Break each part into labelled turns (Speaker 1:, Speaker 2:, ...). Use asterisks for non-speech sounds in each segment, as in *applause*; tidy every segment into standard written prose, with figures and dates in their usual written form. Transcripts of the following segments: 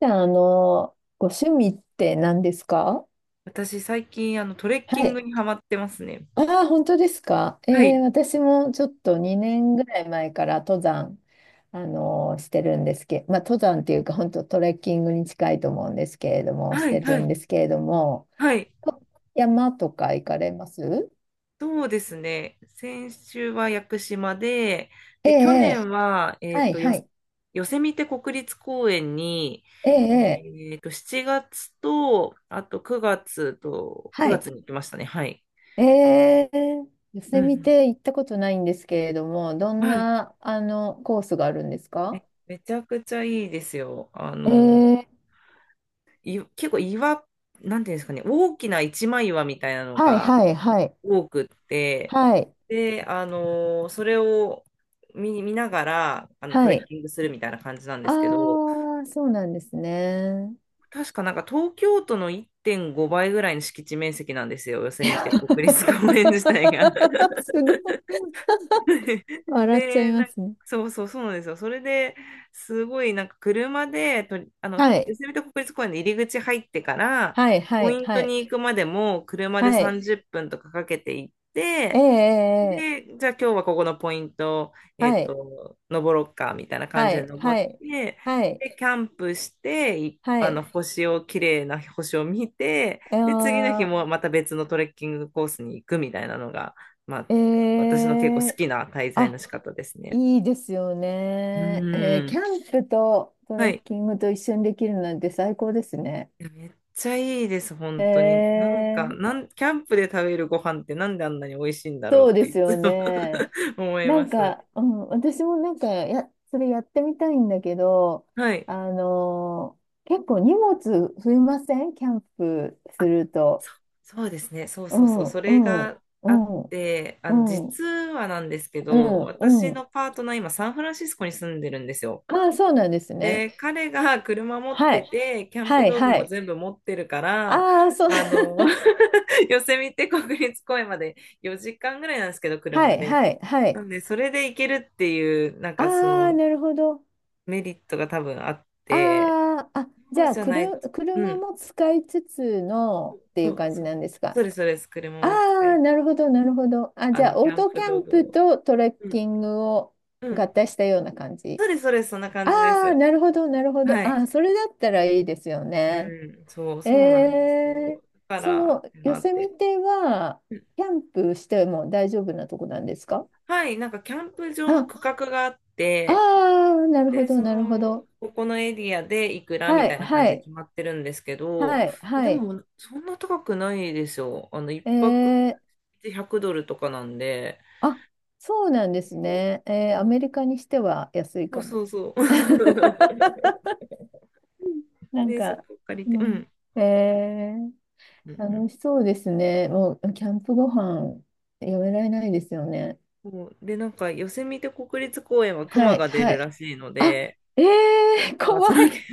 Speaker 1: じゃあ、ご趣味って何ですか？
Speaker 2: 私、最近、トレッキ
Speaker 1: は
Speaker 2: ング
Speaker 1: い。
Speaker 2: にハマってますね。
Speaker 1: ああ、本当ですか。
Speaker 2: はい。
Speaker 1: 私もちょっと2年ぐらい前から登山、してるんですけど、まあ、登山っていうか、本当トレッキングに近いと思うんですけれども、し
Speaker 2: はい、
Speaker 1: て
Speaker 2: は
Speaker 1: るん
Speaker 2: い、
Speaker 1: ですけれども、
Speaker 2: はい。
Speaker 1: 山とか行かれます？
Speaker 2: そうですね。先週は屋久島で、
Speaker 1: え
Speaker 2: 去
Speaker 1: え、
Speaker 2: 年は、
Speaker 1: はい、はい。
Speaker 2: ヨセミテ国立公園に、
Speaker 1: ええ、
Speaker 2: 7月と、あと9月と、
Speaker 1: は
Speaker 2: 9
Speaker 1: い。
Speaker 2: 月に行きましたね。はい。
Speaker 1: ええ、寄
Speaker 2: う
Speaker 1: せ
Speaker 2: ん
Speaker 1: 見
Speaker 2: う
Speaker 1: て行ったことないんですけれども、ど
Speaker 2: ん。
Speaker 1: ん
Speaker 2: はい。
Speaker 1: な、コースがあるんですか？
Speaker 2: めちゃくちゃいいですよ。
Speaker 1: ええ。
Speaker 2: 結構岩、なんていうんですかね、大きな一枚岩みたいなの
Speaker 1: はい
Speaker 2: が
Speaker 1: はいはい。
Speaker 2: 多くって、
Speaker 1: はい。
Speaker 2: で、それを見ながらト
Speaker 1: は
Speaker 2: レッ
Speaker 1: い。
Speaker 2: キングするみたいな感じなんで
Speaker 1: あ
Speaker 2: すけど、
Speaker 1: あ、そうなんですね。
Speaker 2: 確かなんか東京都の1.5倍ぐらいの敷地面積なんですよ、ヨセ
Speaker 1: い
Speaker 2: ミ
Speaker 1: や
Speaker 2: テ
Speaker 1: *laughs*
Speaker 2: 国立公園自体が。
Speaker 1: すごい。
Speaker 2: *laughs*
Speaker 1: 笑っちゃ
Speaker 2: で、
Speaker 1: いま
Speaker 2: なんか
Speaker 1: すね。
Speaker 2: そうそうそうなんですよ。それですごいなんか車でとり、あの、
Speaker 1: は
Speaker 2: ヨ
Speaker 1: い。
Speaker 2: セミテ国立公園の入り口入ってから、
Speaker 1: はいは
Speaker 2: ポ
Speaker 1: い
Speaker 2: イント
Speaker 1: はい。
Speaker 2: に行くまでも車で
Speaker 1: はい。
Speaker 2: 30分とかかけて行っ
Speaker 1: ええ
Speaker 2: て、
Speaker 1: ええええ。
Speaker 2: で、じゃあ今日はここのポイント、
Speaker 1: はい。
Speaker 2: 登ろっか、みたいな感
Speaker 1: は
Speaker 2: じで
Speaker 1: い
Speaker 2: 登
Speaker 1: は
Speaker 2: っ
Speaker 1: い
Speaker 2: て、
Speaker 1: はい。
Speaker 2: で、キャンプして、い
Speaker 1: は
Speaker 2: あの、
Speaker 1: い。
Speaker 2: 綺麗な星を見て、で、次の日
Speaker 1: あ
Speaker 2: もまた別のトレッキングコースに行くみたいなのが、まあ、
Speaker 1: ー。
Speaker 2: 私の結構好
Speaker 1: ええ。
Speaker 2: きな滞在の
Speaker 1: あ、
Speaker 2: 仕方ですね。
Speaker 1: いいですよ
Speaker 2: う
Speaker 1: ね。
Speaker 2: ー
Speaker 1: キャ
Speaker 2: ん。
Speaker 1: ンプとト
Speaker 2: は
Speaker 1: レッ
Speaker 2: い。
Speaker 1: キングと一緒にできるなんて最高ですね。
Speaker 2: いやめっちゃいいです、本当に。
Speaker 1: え
Speaker 2: なんか、
Speaker 1: え。
Speaker 2: キャンプで食べるご飯ってなんであんなに美味しいんだろ
Speaker 1: そ
Speaker 2: う
Speaker 1: う
Speaker 2: っ
Speaker 1: で
Speaker 2: てい
Speaker 1: すよ
Speaker 2: つも
Speaker 1: ね。
Speaker 2: *laughs* 思い
Speaker 1: な
Speaker 2: ま
Speaker 1: ん
Speaker 2: す。
Speaker 1: か、うん、私もなんかそれやってみたいんだけど、
Speaker 2: はい。
Speaker 1: 結構荷物増えません？キャンプすると。
Speaker 2: そそうですね。そう
Speaker 1: う
Speaker 2: そうそう。
Speaker 1: ん、
Speaker 2: そ
Speaker 1: う
Speaker 2: れ
Speaker 1: ん、
Speaker 2: が
Speaker 1: う
Speaker 2: あっ
Speaker 1: ん、
Speaker 2: て、
Speaker 1: うん、う
Speaker 2: 実はなんですけど、
Speaker 1: ん、
Speaker 2: 私
Speaker 1: うん。
Speaker 2: のパートナー、今、サンフランシスコに住んでるんですよ。
Speaker 1: ああ、そうなんですね。
Speaker 2: で、彼が車持っ
Speaker 1: は
Speaker 2: て
Speaker 1: い。
Speaker 2: て、キャンプ
Speaker 1: はい、
Speaker 2: 道具
Speaker 1: は
Speaker 2: も
Speaker 1: い。
Speaker 2: 全部持ってるから、
Speaker 1: ああ、そう。
Speaker 2: あの、
Speaker 1: *laughs*
Speaker 2: *laughs* ヨセミテ国立公園まで4時間ぐらいなんですけど、
Speaker 1: は
Speaker 2: 車
Speaker 1: い、
Speaker 2: で。
Speaker 1: はい、は
Speaker 2: な
Speaker 1: い。
Speaker 2: んで、それで行けるっていう、なんかそ
Speaker 1: ああ、
Speaker 2: の
Speaker 1: なるほど。
Speaker 2: メリットが多分あって、
Speaker 1: ああ、あ、じ
Speaker 2: そう
Speaker 1: ゃあ、
Speaker 2: じゃない、う
Speaker 1: 車
Speaker 2: ん、
Speaker 1: も使いつつ
Speaker 2: そ
Speaker 1: のっていう
Speaker 2: う
Speaker 1: 感じ
Speaker 2: そう、
Speaker 1: なんです
Speaker 2: そ
Speaker 1: か？
Speaker 2: うです、そうです、車
Speaker 1: あ
Speaker 2: も使
Speaker 1: あ、
Speaker 2: え、
Speaker 1: なるほど、なるほど。あ、じゃあ、
Speaker 2: キ
Speaker 1: オー
Speaker 2: ャン
Speaker 1: トキ
Speaker 2: プ
Speaker 1: ャ
Speaker 2: 道
Speaker 1: ン
Speaker 2: 具
Speaker 1: プ
Speaker 2: も。
Speaker 1: とトレッ
Speaker 2: うん。
Speaker 1: キングを
Speaker 2: う
Speaker 1: 合
Speaker 2: ん。
Speaker 1: 体したような感
Speaker 2: そ
Speaker 1: じ。
Speaker 2: うです、そうです。そんな感じで
Speaker 1: ああ、
Speaker 2: す。
Speaker 1: なるほど、なるほど。
Speaker 2: は
Speaker 1: あ
Speaker 2: い。
Speaker 1: あ、それだったらいいですよ
Speaker 2: う
Speaker 1: ね。
Speaker 2: ん。そう、
Speaker 1: え
Speaker 2: そうなんですよ。
Speaker 1: え、
Speaker 2: だか
Speaker 1: そ
Speaker 2: ら、っ
Speaker 1: の、
Speaker 2: ての
Speaker 1: ヨ
Speaker 2: あっ
Speaker 1: セ
Speaker 2: て。
Speaker 1: ミテは、
Speaker 2: うん。
Speaker 1: キャンプしても大丈夫なとこなんですか？
Speaker 2: はい。なんか、キャンプ場の
Speaker 1: あ、
Speaker 2: 区画があっ
Speaker 1: あ
Speaker 2: て、
Speaker 1: あ、なるほ
Speaker 2: で、
Speaker 1: ど、なるほど。
Speaker 2: ここのエリアでいくらみ
Speaker 1: は
Speaker 2: た
Speaker 1: い、
Speaker 2: いな感
Speaker 1: は
Speaker 2: じで
Speaker 1: い、
Speaker 2: 決まってるんですけど、
Speaker 1: はい、
Speaker 2: えで
Speaker 1: はい。
Speaker 2: も、そんな高くないですよ。一
Speaker 1: え
Speaker 2: 泊
Speaker 1: ー
Speaker 2: で$100とかなんで。
Speaker 1: あ、そうなんです
Speaker 2: そう
Speaker 1: ね。
Speaker 2: そう
Speaker 1: ア
Speaker 2: な
Speaker 1: メ
Speaker 2: ん
Speaker 1: リカにしては安い
Speaker 2: で
Speaker 1: か
Speaker 2: す。そ
Speaker 1: も。
Speaker 2: うそうそう。
Speaker 1: *laughs*
Speaker 2: *laughs*
Speaker 1: なん
Speaker 2: で、そ
Speaker 1: か、
Speaker 2: こ借りて、
Speaker 1: う
Speaker 2: う
Speaker 1: ん、
Speaker 2: ん。
Speaker 1: えー、
Speaker 2: うんうん。
Speaker 1: 楽しそうですね。もう、キャンプご飯、やめられないですよね。
Speaker 2: そうで、なんか、ヨセミテ国立公園は
Speaker 1: は
Speaker 2: 熊
Speaker 1: い、
Speaker 2: が出
Speaker 1: は
Speaker 2: る
Speaker 1: い。
Speaker 2: らしいの
Speaker 1: あ、
Speaker 2: で、
Speaker 1: え
Speaker 2: なんか、
Speaker 1: 怖
Speaker 2: その *laughs* キ
Speaker 1: い。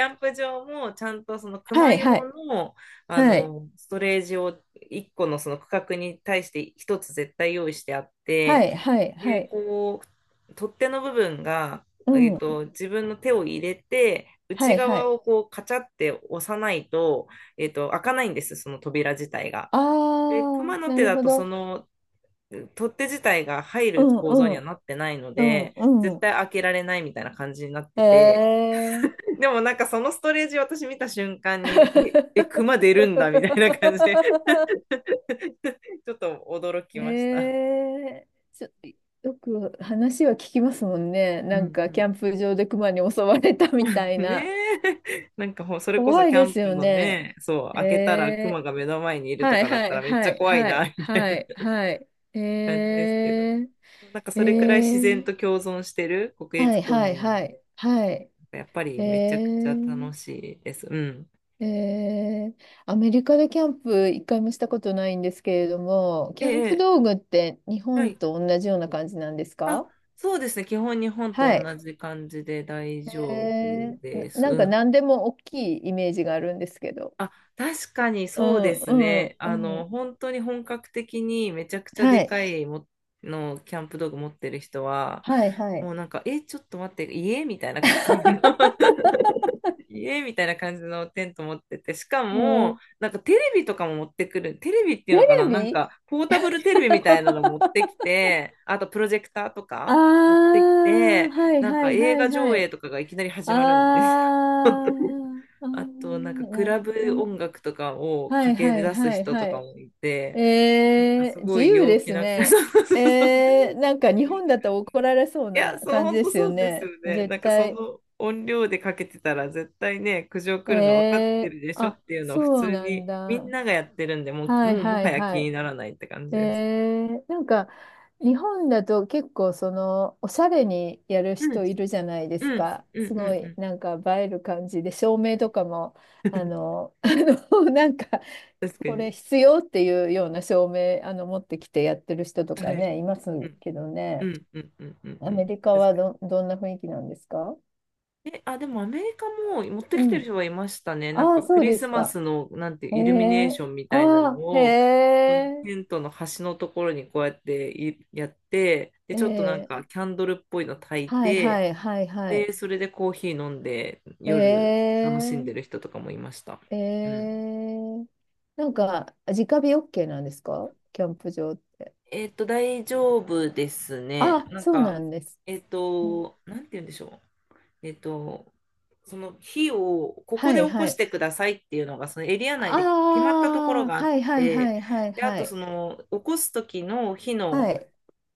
Speaker 2: ャンプ場も、ちゃんとその
Speaker 1: は
Speaker 2: 熊
Speaker 1: い、は
Speaker 2: 用
Speaker 1: い、
Speaker 2: の、
Speaker 1: はい、
Speaker 2: ストレージを1個のその区画に対して1つ絶対用意してあっ
Speaker 1: は
Speaker 2: て、
Speaker 1: い、はい、は
Speaker 2: で、
Speaker 1: い。
Speaker 2: こう、取っ手の部分が、
Speaker 1: うん、
Speaker 2: 自分の手を入れて、
Speaker 1: は
Speaker 2: 内
Speaker 1: い、はい。
Speaker 2: 側をこう、カチャって押さないと、開かないんです、その扉自体が。
Speaker 1: あ
Speaker 2: で、
Speaker 1: ー、
Speaker 2: 熊の
Speaker 1: な
Speaker 2: 手
Speaker 1: る
Speaker 2: だ
Speaker 1: ほ
Speaker 2: とそ
Speaker 1: ど。
Speaker 2: の取っ手自体が入
Speaker 1: う
Speaker 2: る
Speaker 1: ん、
Speaker 2: 構
Speaker 1: う
Speaker 2: 造には
Speaker 1: ん、
Speaker 2: なってないの
Speaker 1: う
Speaker 2: で、
Speaker 1: ん、
Speaker 2: 絶
Speaker 1: う
Speaker 2: 対開けられないみたいな感じになっ
Speaker 1: ん。
Speaker 2: て
Speaker 1: え
Speaker 2: て、
Speaker 1: ー。
Speaker 2: でもなんかそのストレージ私見た瞬間に、え、え、熊出るんだみたいな感じで、
Speaker 1: *laughs*
Speaker 2: ちょっと驚き
Speaker 1: え
Speaker 2: ました。
Speaker 1: え。ちょ、よく話は聞きますもんね。
Speaker 2: う
Speaker 1: な
Speaker 2: んう
Speaker 1: んかキ
Speaker 2: ん。
Speaker 1: ャンプ場で熊に襲われたみた
Speaker 2: *laughs*
Speaker 1: いな。
Speaker 2: ねえ、なんかそれこそ
Speaker 1: 怖い
Speaker 2: キャ
Speaker 1: で
Speaker 2: ン
Speaker 1: す
Speaker 2: プ
Speaker 1: よ
Speaker 2: の
Speaker 1: ね。
Speaker 2: ね、そう、
Speaker 1: え
Speaker 2: 開けたら熊
Speaker 1: え。
Speaker 2: が目の前にいると
Speaker 1: はい
Speaker 2: かだっ
Speaker 1: は
Speaker 2: た
Speaker 1: い
Speaker 2: らめっち
Speaker 1: は
Speaker 2: ゃ
Speaker 1: い
Speaker 2: 怖い
Speaker 1: はい
Speaker 2: な、みたい
Speaker 1: は
Speaker 2: な
Speaker 1: いはい。え
Speaker 2: 感じですけど。
Speaker 1: え
Speaker 2: なんか
Speaker 1: え
Speaker 2: それくらい自然と
Speaker 1: え。
Speaker 2: 共存してる国
Speaker 1: は
Speaker 2: 立
Speaker 1: い
Speaker 2: 公
Speaker 1: はい
Speaker 2: 園なの
Speaker 1: はい
Speaker 2: で、
Speaker 1: はい。
Speaker 2: やっぱ
Speaker 1: え
Speaker 2: りめちゃくちゃ楽
Speaker 1: え
Speaker 2: しいです。うん。
Speaker 1: ええ。アメリカでキャンプ一回もしたことないんですけれども、
Speaker 2: え
Speaker 1: キャンプ
Speaker 2: え、え
Speaker 1: 道
Speaker 2: え。
Speaker 1: 具って日
Speaker 2: は
Speaker 1: 本
Speaker 2: い。
Speaker 1: と同じような感じなんです
Speaker 2: あ、
Speaker 1: か？
Speaker 2: そうですね。基本日本と
Speaker 1: はい。
Speaker 2: 同じ感じで大丈夫
Speaker 1: な
Speaker 2: です。
Speaker 1: なん
Speaker 2: う
Speaker 1: か
Speaker 2: ん。
Speaker 1: 何でも大きいイメージがあるんですけど。
Speaker 2: あ、確かに
Speaker 1: う
Speaker 2: そう
Speaker 1: ん、
Speaker 2: です
Speaker 1: うん、
Speaker 2: ね。
Speaker 1: うん。
Speaker 2: 本当に本格的にめちゃくちゃで
Speaker 1: はい、
Speaker 2: かいものキャンプ道具持ってる人は、
Speaker 1: はい、はい。
Speaker 2: もうなんか、え、ちょっと待って、家みたいな感じのテント持ってて、しか
Speaker 1: えー、
Speaker 2: も、なんかテレビとかも持ってくる、テレビっていう
Speaker 1: テ
Speaker 2: のかな、
Speaker 1: レ
Speaker 2: なん
Speaker 1: ビ。
Speaker 2: かポータブルテレ
Speaker 1: *laughs*
Speaker 2: ビみたいなの持ってきて、あとプロジェクターとか持っ
Speaker 1: ああ
Speaker 2: てき
Speaker 1: ー。
Speaker 2: て、
Speaker 1: はい
Speaker 2: なん
Speaker 1: は
Speaker 2: か
Speaker 1: い
Speaker 2: 映
Speaker 1: はい
Speaker 2: 画
Speaker 1: は
Speaker 2: 上映
Speaker 1: い。
Speaker 2: とかがいきなり
Speaker 1: あ
Speaker 2: 始まるんですよ。
Speaker 1: ー
Speaker 2: *laughs*
Speaker 1: あ
Speaker 2: あと、なんか
Speaker 1: ー、
Speaker 2: ク
Speaker 1: なる
Speaker 2: ラブ
Speaker 1: ほど。
Speaker 2: 音楽とかを
Speaker 1: は
Speaker 2: か
Speaker 1: い
Speaker 2: け
Speaker 1: はい
Speaker 2: 出す
Speaker 1: はい
Speaker 2: 人
Speaker 1: は
Speaker 2: とか
Speaker 1: い。
Speaker 2: もいて、なんかす
Speaker 1: 自
Speaker 2: ごい
Speaker 1: 由
Speaker 2: 陽
Speaker 1: で
Speaker 2: 気
Speaker 1: す
Speaker 2: な、*laughs* そうそ
Speaker 1: ね。
Speaker 2: うそうそう。
Speaker 1: なんか日本だと怒られそう
Speaker 2: いや、
Speaker 1: な
Speaker 2: そう、
Speaker 1: 感じ
Speaker 2: 本
Speaker 1: で
Speaker 2: 当
Speaker 1: す
Speaker 2: そ
Speaker 1: よ
Speaker 2: うです
Speaker 1: ね。
Speaker 2: よね。
Speaker 1: 絶
Speaker 2: なんかそ
Speaker 1: 対。
Speaker 2: の音量でかけてたら絶対ね、苦情
Speaker 1: え
Speaker 2: 来るの分かって
Speaker 1: え。
Speaker 2: るでしょ
Speaker 1: あ、
Speaker 2: っていうのを普
Speaker 1: そう
Speaker 2: 通
Speaker 1: なん
Speaker 2: にみ
Speaker 1: だ。
Speaker 2: んながやってるんで、もう、
Speaker 1: は
Speaker 2: も
Speaker 1: い
Speaker 2: うも
Speaker 1: は
Speaker 2: は
Speaker 1: い
Speaker 2: や気
Speaker 1: はい。
Speaker 2: にならないって感じ
Speaker 1: え
Speaker 2: です。
Speaker 1: え。なんか、日本だと結構その、おしゃれにやる
Speaker 2: うん、うん、
Speaker 1: 人いるじゃないで
Speaker 2: う
Speaker 1: す
Speaker 2: ん、
Speaker 1: か。す
Speaker 2: う
Speaker 1: ご
Speaker 2: ん、う
Speaker 1: い、
Speaker 2: ん。
Speaker 1: なんか映える感じで、照明とかも、あ
Speaker 2: *laughs*
Speaker 1: の、*laughs* あなんか、
Speaker 2: 確か
Speaker 1: これ
Speaker 2: に。
Speaker 1: 必要っていうような照明、持ってきてやってる人と
Speaker 2: は
Speaker 1: か
Speaker 2: い。
Speaker 1: ね、います
Speaker 2: うん、
Speaker 1: けど
Speaker 2: う
Speaker 1: ね。
Speaker 2: ん、うん、うん、うん。う
Speaker 1: アメ
Speaker 2: ん。
Speaker 1: リカ
Speaker 2: 確
Speaker 1: は
Speaker 2: かに。
Speaker 1: どんな雰囲気なんですか？
Speaker 2: え、あ、でもアメリカも持って
Speaker 1: う
Speaker 2: きてる人
Speaker 1: ん。
Speaker 2: はいましたね。なん
Speaker 1: ああ、
Speaker 2: かク
Speaker 1: そう
Speaker 2: リ
Speaker 1: で
Speaker 2: ス
Speaker 1: す
Speaker 2: マ
Speaker 1: か。
Speaker 2: スの、なんていう
Speaker 1: え
Speaker 2: イルミネー
Speaker 1: え。
Speaker 2: ションみたいなの
Speaker 1: ああ、へ
Speaker 2: を、
Speaker 1: え。
Speaker 2: テントの端のところにこうやっていやって、で、ちょっとなん
Speaker 1: え
Speaker 2: か
Speaker 1: え。
Speaker 2: キャンドルっぽいの焚い
Speaker 1: はいは
Speaker 2: て、
Speaker 1: いはいはい。
Speaker 2: で、それでコーヒー飲んで
Speaker 1: え
Speaker 2: 夜楽しんでる
Speaker 1: え
Speaker 2: 人とかもいました。
Speaker 1: え
Speaker 2: うん。
Speaker 1: え。なんか、直火 OK なんですか？キャンプ場。
Speaker 2: 大丈夫ですね。
Speaker 1: あ、
Speaker 2: なん
Speaker 1: そうな
Speaker 2: か、
Speaker 1: んです。うん。
Speaker 2: なんて言うんでしょう。えっと、その火をここ
Speaker 1: は
Speaker 2: で
Speaker 1: い
Speaker 2: 起こ
Speaker 1: は
Speaker 2: し
Speaker 1: い。
Speaker 2: てくださいっていうのがそのエリア内で決ま
Speaker 1: あ
Speaker 2: ったところ
Speaker 1: あ、
Speaker 2: があっ
Speaker 1: はいはいは
Speaker 2: て、
Speaker 1: いはい
Speaker 2: で、あ
Speaker 1: は
Speaker 2: とそ
Speaker 1: い。
Speaker 2: の起こす時の火
Speaker 1: は
Speaker 2: の、
Speaker 1: い、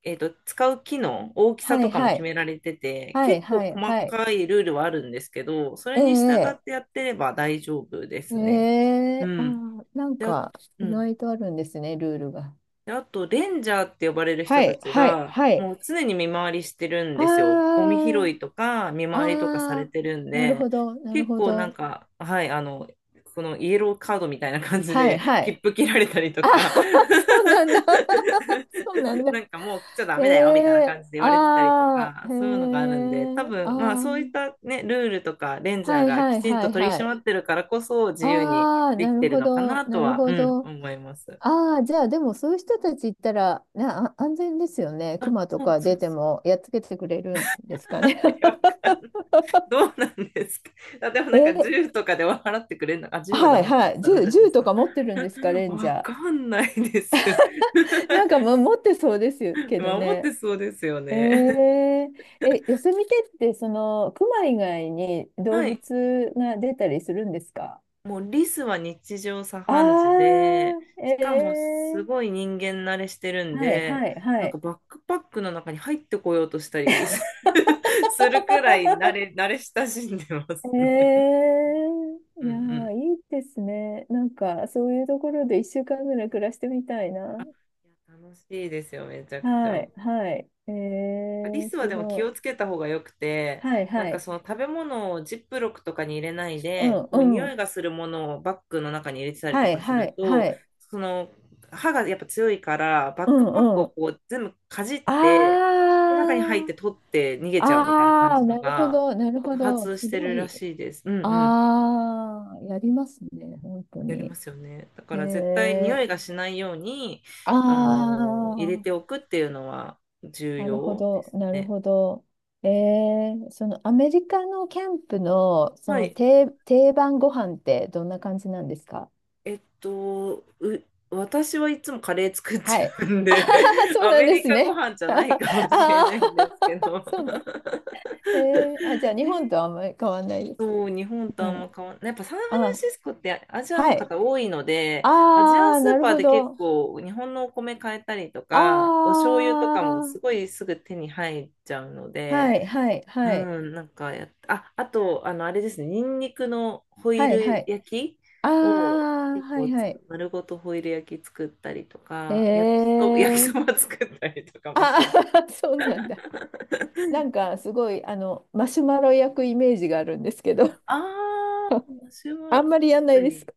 Speaker 2: 使う木の大きさ
Speaker 1: は
Speaker 2: と
Speaker 1: い
Speaker 2: かも
Speaker 1: は
Speaker 2: 決
Speaker 1: い。
Speaker 2: められてて、
Speaker 1: はい
Speaker 2: 結構
Speaker 1: はい
Speaker 2: 細
Speaker 1: はい。
Speaker 2: かいルールはあるんですけど、それに従っ
Speaker 1: ええ
Speaker 2: てやってれば大丈夫で
Speaker 1: え
Speaker 2: すね。う
Speaker 1: え。あ
Speaker 2: ん。
Speaker 1: あ、なん
Speaker 2: で、あ、
Speaker 1: か、
Speaker 2: う
Speaker 1: 意
Speaker 2: ん。
Speaker 1: 外とあるんですね、ルールが。
Speaker 2: であと、レンジャーって呼ばれる
Speaker 1: は
Speaker 2: 人た
Speaker 1: い
Speaker 2: ち
Speaker 1: はい
Speaker 2: が、
Speaker 1: はい。
Speaker 2: もう常に見回りしてるん
Speaker 1: あ
Speaker 2: ですよ。ゴミ拾
Speaker 1: あ、
Speaker 2: いとか、見回りとかされ
Speaker 1: ああ、
Speaker 2: てるん
Speaker 1: なる
Speaker 2: で、
Speaker 1: ほど、なる
Speaker 2: 結
Speaker 1: ほ
Speaker 2: 構なん
Speaker 1: ど。
Speaker 2: か、はい、このイエローカードみたいな感じ
Speaker 1: はい
Speaker 2: で、
Speaker 1: は
Speaker 2: 切
Speaker 1: い。
Speaker 2: 符切られたりと
Speaker 1: ああ、
Speaker 2: か、
Speaker 1: *laughs* そうな
Speaker 2: *laughs*
Speaker 1: んだ。*laughs* そうなんだ。
Speaker 2: なんかもう来ちゃダ
Speaker 1: え
Speaker 2: メだよみたいな感
Speaker 1: え。
Speaker 2: じで言われてたりと
Speaker 1: ああ、
Speaker 2: か、
Speaker 1: へ
Speaker 2: そういうのがあるんで、
Speaker 1: え。
Speaker 2: 多
Speaker 1: あ
Speaker 2: 分、まあ
Speaker 1: あ、
Speaker 2: そういったね、ルールとか、レンジャー
Speaker 1: はい
Speaker 2: が
Speaker 1: は
Speaker 2: き
Speaker 1: い
Speaker 2: ちん
Speaker 1: は
Speaker 2: と
Speaker 1: い
Speaker 2: 取り
Speaker 1: は
Speaker 2: 締
Speaker 1: い。
Speaker 2: まってるからこそ、自由に
Speaker 1: ああ、
Speaker 2: で
Speaker 1: な
Speaker 2: き
Speaker 1: る
Speaker 2: てる
Speaker 1: ほ
Speaker 2: のか
Speaker 1: ど、
Speaker 2: なと
Speaker 1: なる
Speaker 2: は、う
Speaker 1: ほ
Speaker 2: ん、
Speaker 1: ど。
Speaker 2: 思います。
Speaker 1: ああ、じゃあでもそういう人たち行ったら、ね、あ、安全ですよね。熊と
Speaker 2: そう
Speaker 1: か
Speaker 2: そ
Speaker 1: 出
Speaker 2: う
Speaker 1: て
Speaker 2: そう。
Speaker 1: もやっつけてくれるんですかね。
Speaker 2: *laughs* いやわかんない。 *laughs* どうなんですか？あでも
Speaker 1: *laughs* え。
Speaker 2: なんか銃とかで払ってくれるのかあ、1は
Speaker 1: は
Speaker 2: ダ
Speaker 1: い
Speaker 2: メか。
Speaker 1: はい。
Speaker 2: ダメ
Speaker 1: 銃、
Speaker 2: らしいで
Speaker 1: 銃
Speaker 2: す
Speaker 1: と
Speaker 2: か。
Speaker 1: か持ってるんですか、
Speaker 2: *laughs*
Speaker 1: レンジ
Speaker 2: わ
Speaker 1: ャー？
Speaker 2: かんないです。*laughs*
Speaker 1: *laughs* なんかも持ってそうですよけど
Speaker 2: 守っ
Speaker 1: ね。
Speaker 2: てそうですよ
Speaker 1: え
Speaker 2: ね。
Speaker 1: ー、え、ヨセミテってそのクマ以外に動
Speaker 2: はい。
Speaker 1: 物が出たりするんですか？
Speaker 2: もうリスは日常茶
Speaker 1: あ
Speaker 2: 飯事で、
Speaker 1: あー。
Speaker 2: しかもすごい人間慣れしてるん
Speaker 1: はい
Speaker 2: で、
Speaker 1: はいは
Speaker 2: なんか
Speaker 1: い。
Speaker 2: バックパックの中に入ってこようとしたり *laughs* するくらい慣れ親しんでますね。
Speaker 1: え
Speaker 2: う
Speaker 1: い
Speaker 2: んう
Speaker 1: や
Speaker 2: ん。
Speaker 1: ー、いいですね。なんかそういうところで1週間ぐらい暮らしてみたいな。
Speaker 2: いや楽しいですよ、めちゃくち
Speaker 1: は
Speaker 2: ゃ。
Speaker 1: いはい。
Speaker 2: リスは
Speaker 1: す
Speaker 2: でも気
Speaker 1: ご
Speaker 2: を
Speaker 1: い。
Speaker 2: つけた方がよくて、
Speaker 1: はい
Speaker 2: なん
Speaker 1: は
Speaker 2: か
Speaker 1: い。
Speaker 2: その食べ物をジップロックとかに入れない
Speaker 1: う
Speaker 2: で、
Speaker 1: ん
Speaker 2: こう
Speaker 1: う
Speaker 2: 匂い
Speaker 1: ん。
Speaker 2: がするものをバッグの中に入れてたり
Speaker 1: は
Speaker 2: と
Speaker 1: い
Speaker 2: かす
Speaker 1: は
Speaker 2: る
Speaker 1: いは
Speaker 2: と、
Speaker 1: い。
Speaker 2: その歯がやっぱ強いから、バッ
Speaker 1: う
Speaker 2: クパック
Speaker 1: んう
Speaker 2: を
Speaker 1: ん。
Speaker 2: こう全部かじっ
Speaker 1: あ
Speaker 2: て、で中に入って
Speaker 1: あ。
Speaker 2: 取って逃げちゃうみたいな感
Speaker 1: ああ、
Speaker 2: じの
Speaker 1: なるほ
Speaker 2: が、
Speaker 1: ど、なるほ
Speaker 2: 多
Speaker 1: ど。
Speaker 2: 発し
Speaker 1: す
Speaker 2: て
Speaker 1: ご
Speaker 2: るら
Speaker 1: い。
Speaker 2: しいです。うんうん。
Speaker 1: ああ、やりますね、本当
Speaker 2: やりま
Speaker 1: に。
Speaker 2: すよね。だか
Speaker 1: へ
Speaker 2: ら絶対匂
Speaker 1: え。
Speaker 2: いがしないように、
Speaker 1: あ
Speaker 2: 入れて
Speaker 1: あ、
Speaker 2: おくっていうのは重
Speaker 1: なるほ
Speaker 2: 要で
Speaker 1: ど、
Speaker 2: す
Speaker 1: なる
Speaker 2: ね。
Speaker 1: ほど。ええ、そのアメリカのキャンプの、そ
Speaker 2: は
Speaker 1: の
Speaker 2: い。
Speaker 1: 定番ご飯ってどんな感じなんですか？
Speaker 2: えっと、う、私はいつもカレー作っち
Speaker 1: はい。
Speaker 2: ゃうん
Speaker 1: あは
Speaker 2: で、
Speaker 1: は
Speaker 2: *laughs*
Speaker 1: そう
Speaker 2: ア
Speaker 1: なん
Speaker 2: メ
Speaker 1: で
Speaker 2: リ
Speaker 1: す
Speaker 2: カご
Speaker 1: ね。
Speaker 2: 飯じ
Speaker 1: *laughs*
Speaker 2: ゃな
Speaker 1: あ
Speaker 2: いかもしれ
Speaker 1: あ
Speaker 2: ないんですけ
Speaker 1: ー。*laughs*
Speaker 2: ど。
Speaker 1: そうなの。ええ、あ、じゃあ日本
Speaker 2: ね。
Speaker 1: とあんまり変わらないです。
Speaker 2: そう、日本
Speaker 1: う
Speaker 2: とあん
Speaker 1: ん。
Speaker 2: ま変わんない。やっぱサンフラン
Speaker 1: あ、
Speaker 2: シスコってアジアの
Speaker 1: はい。
Speaker 2: 方多いので、アジアン
Speaker 1: ああ、
Speaker 2: ス
Speaker 1: な
Speaker 2: ー
Speaker 1: る
Speaker 2: パー
Speaker 1: ほ
Speaker 2: で結
Speaker 1: ど。
Speaker 2: 構日本のお米買えたりとか、お醤油と
Speaker 1: あ
Speaker 2: かもす
Speaker 1: あ、
Speaker 2: ごいすぐ手に入っちゃうので、
Speaker 1: はいはい
Speaker 2: う
Speaker 1: はい。
Speaker 2: ん、なんかあ、あと、あれですね、ニンニクのホイ
Speaker 1: はいは
Speaker 2: ル
Speaker 1: い。
Speaker 2: 焼き
Speaker 1: あ
Speaker 2: を
Speaker 1: あ、
Speaker 2: 結
Speaker 1: は
Speaker 2: 構
Speaker 1: い
Speaker 2: つ
Speaker 1: はい。
Speaker 2: く、丸ごとホイル焼き作ったりと
Speaker 1: え
Speaker 2: か、焼きそ、*laughs* 焼きそ
Speaker 1: え。
Speaker 2: ば作ったりとかも
Speaker 1: あ
Speaker 2: します。
Speaker 1: あー。*laughs* そうなんだ。なん
Speaker 2: *laughs*
Speaker 1: かすごい、マシュマロ焼くイメージがあるんですけど、
Speaker 2: ああ、私
Speaker 1: *laughs* あ
Speaker 2: は
Speaker 1: ん
Speaker 2: 確
Speaker 1: まりやんな
Speaker 2: か
Speaker 1: いです
Speaker 2: に、
Speaker 1: か？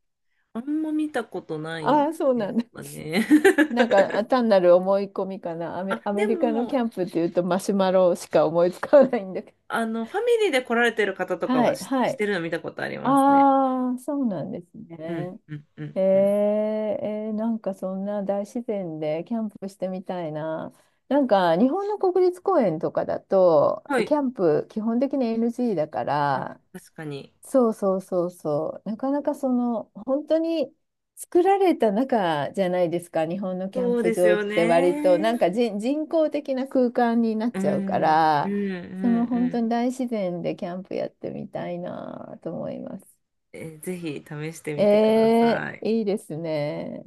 Speaker 2: あんま見たことな
Speaker 1: あ *laughs*
Speaker 2: い
Speaker 1: あー、そうな
Speaker 2: で
Speaker 1: ん
Speaker 2: す
Speaker 1: だ。
Speaker 2: かね。
Speaker 1: なんか
Speaker 2: *laughs*
Speaker 1: あ単なる思い込みかな。ア
Speaker 2: あ、
Speaker 1: メ、アメ
Speaker 2: で
Speaker 1: リカのキ
Speaker 2: も、
Speaker 1: ャンプっていうとマシュマロしか思いつかないんだけど。
Speaker 2: ファミリーで来られてる方とか
Speaker 1: は
Speaker 2: は
Speaker 1: いは
Speaker 2: し
Speaker 1: い。
Speaker 2: てるの見たことありますね。
Speaker 1: ああ、そうなんです
Speaker 2: うん、
Speaker 1: ね。
Speaker 2: うん、うん、
Speaker 1: え
Speaker 2: うん。
Speaker 1: ー、なんかそんな大自然でキャンプしてみたいな。なんか日本の国立公園とかだと、
Speaker 2: は
Speaker 1: キ
Speaker 2: い。
Speaker 1: ャンプ基本的に NG だか
Speaker 2: あ、
Speaker 1: ら、
Speaker 2: 確かに。
Speaker 1: そうそうそうそう、なかなかその、本当に作られた中じゃないですか、日本のキャン
Speaker 2: そう
Speaker 1: プ
Speaker 2: です
Speaker 1: 場っ
Speaker 2: よ
Speaker 1: て割と、なんか
Speaker 2: ね。
Speaker 1: 人工的な空間になっ
Speaker 2: う
Speaker 1: ちゃうか
Speaker 2: ん、う
Speaker 1: ら、
Speaker 2: ん、う
Speaker 1: その
Speaker 2: ん、
Speaker 1: 本
Speaker 2: う
Speaker 1: 当に
Speaker 2: ん。
Speaker 1: 大自然でキャンプやってみたいなと思います。
Speaker 2: ぜひ試してみてください。
Speaker 1: いいですね。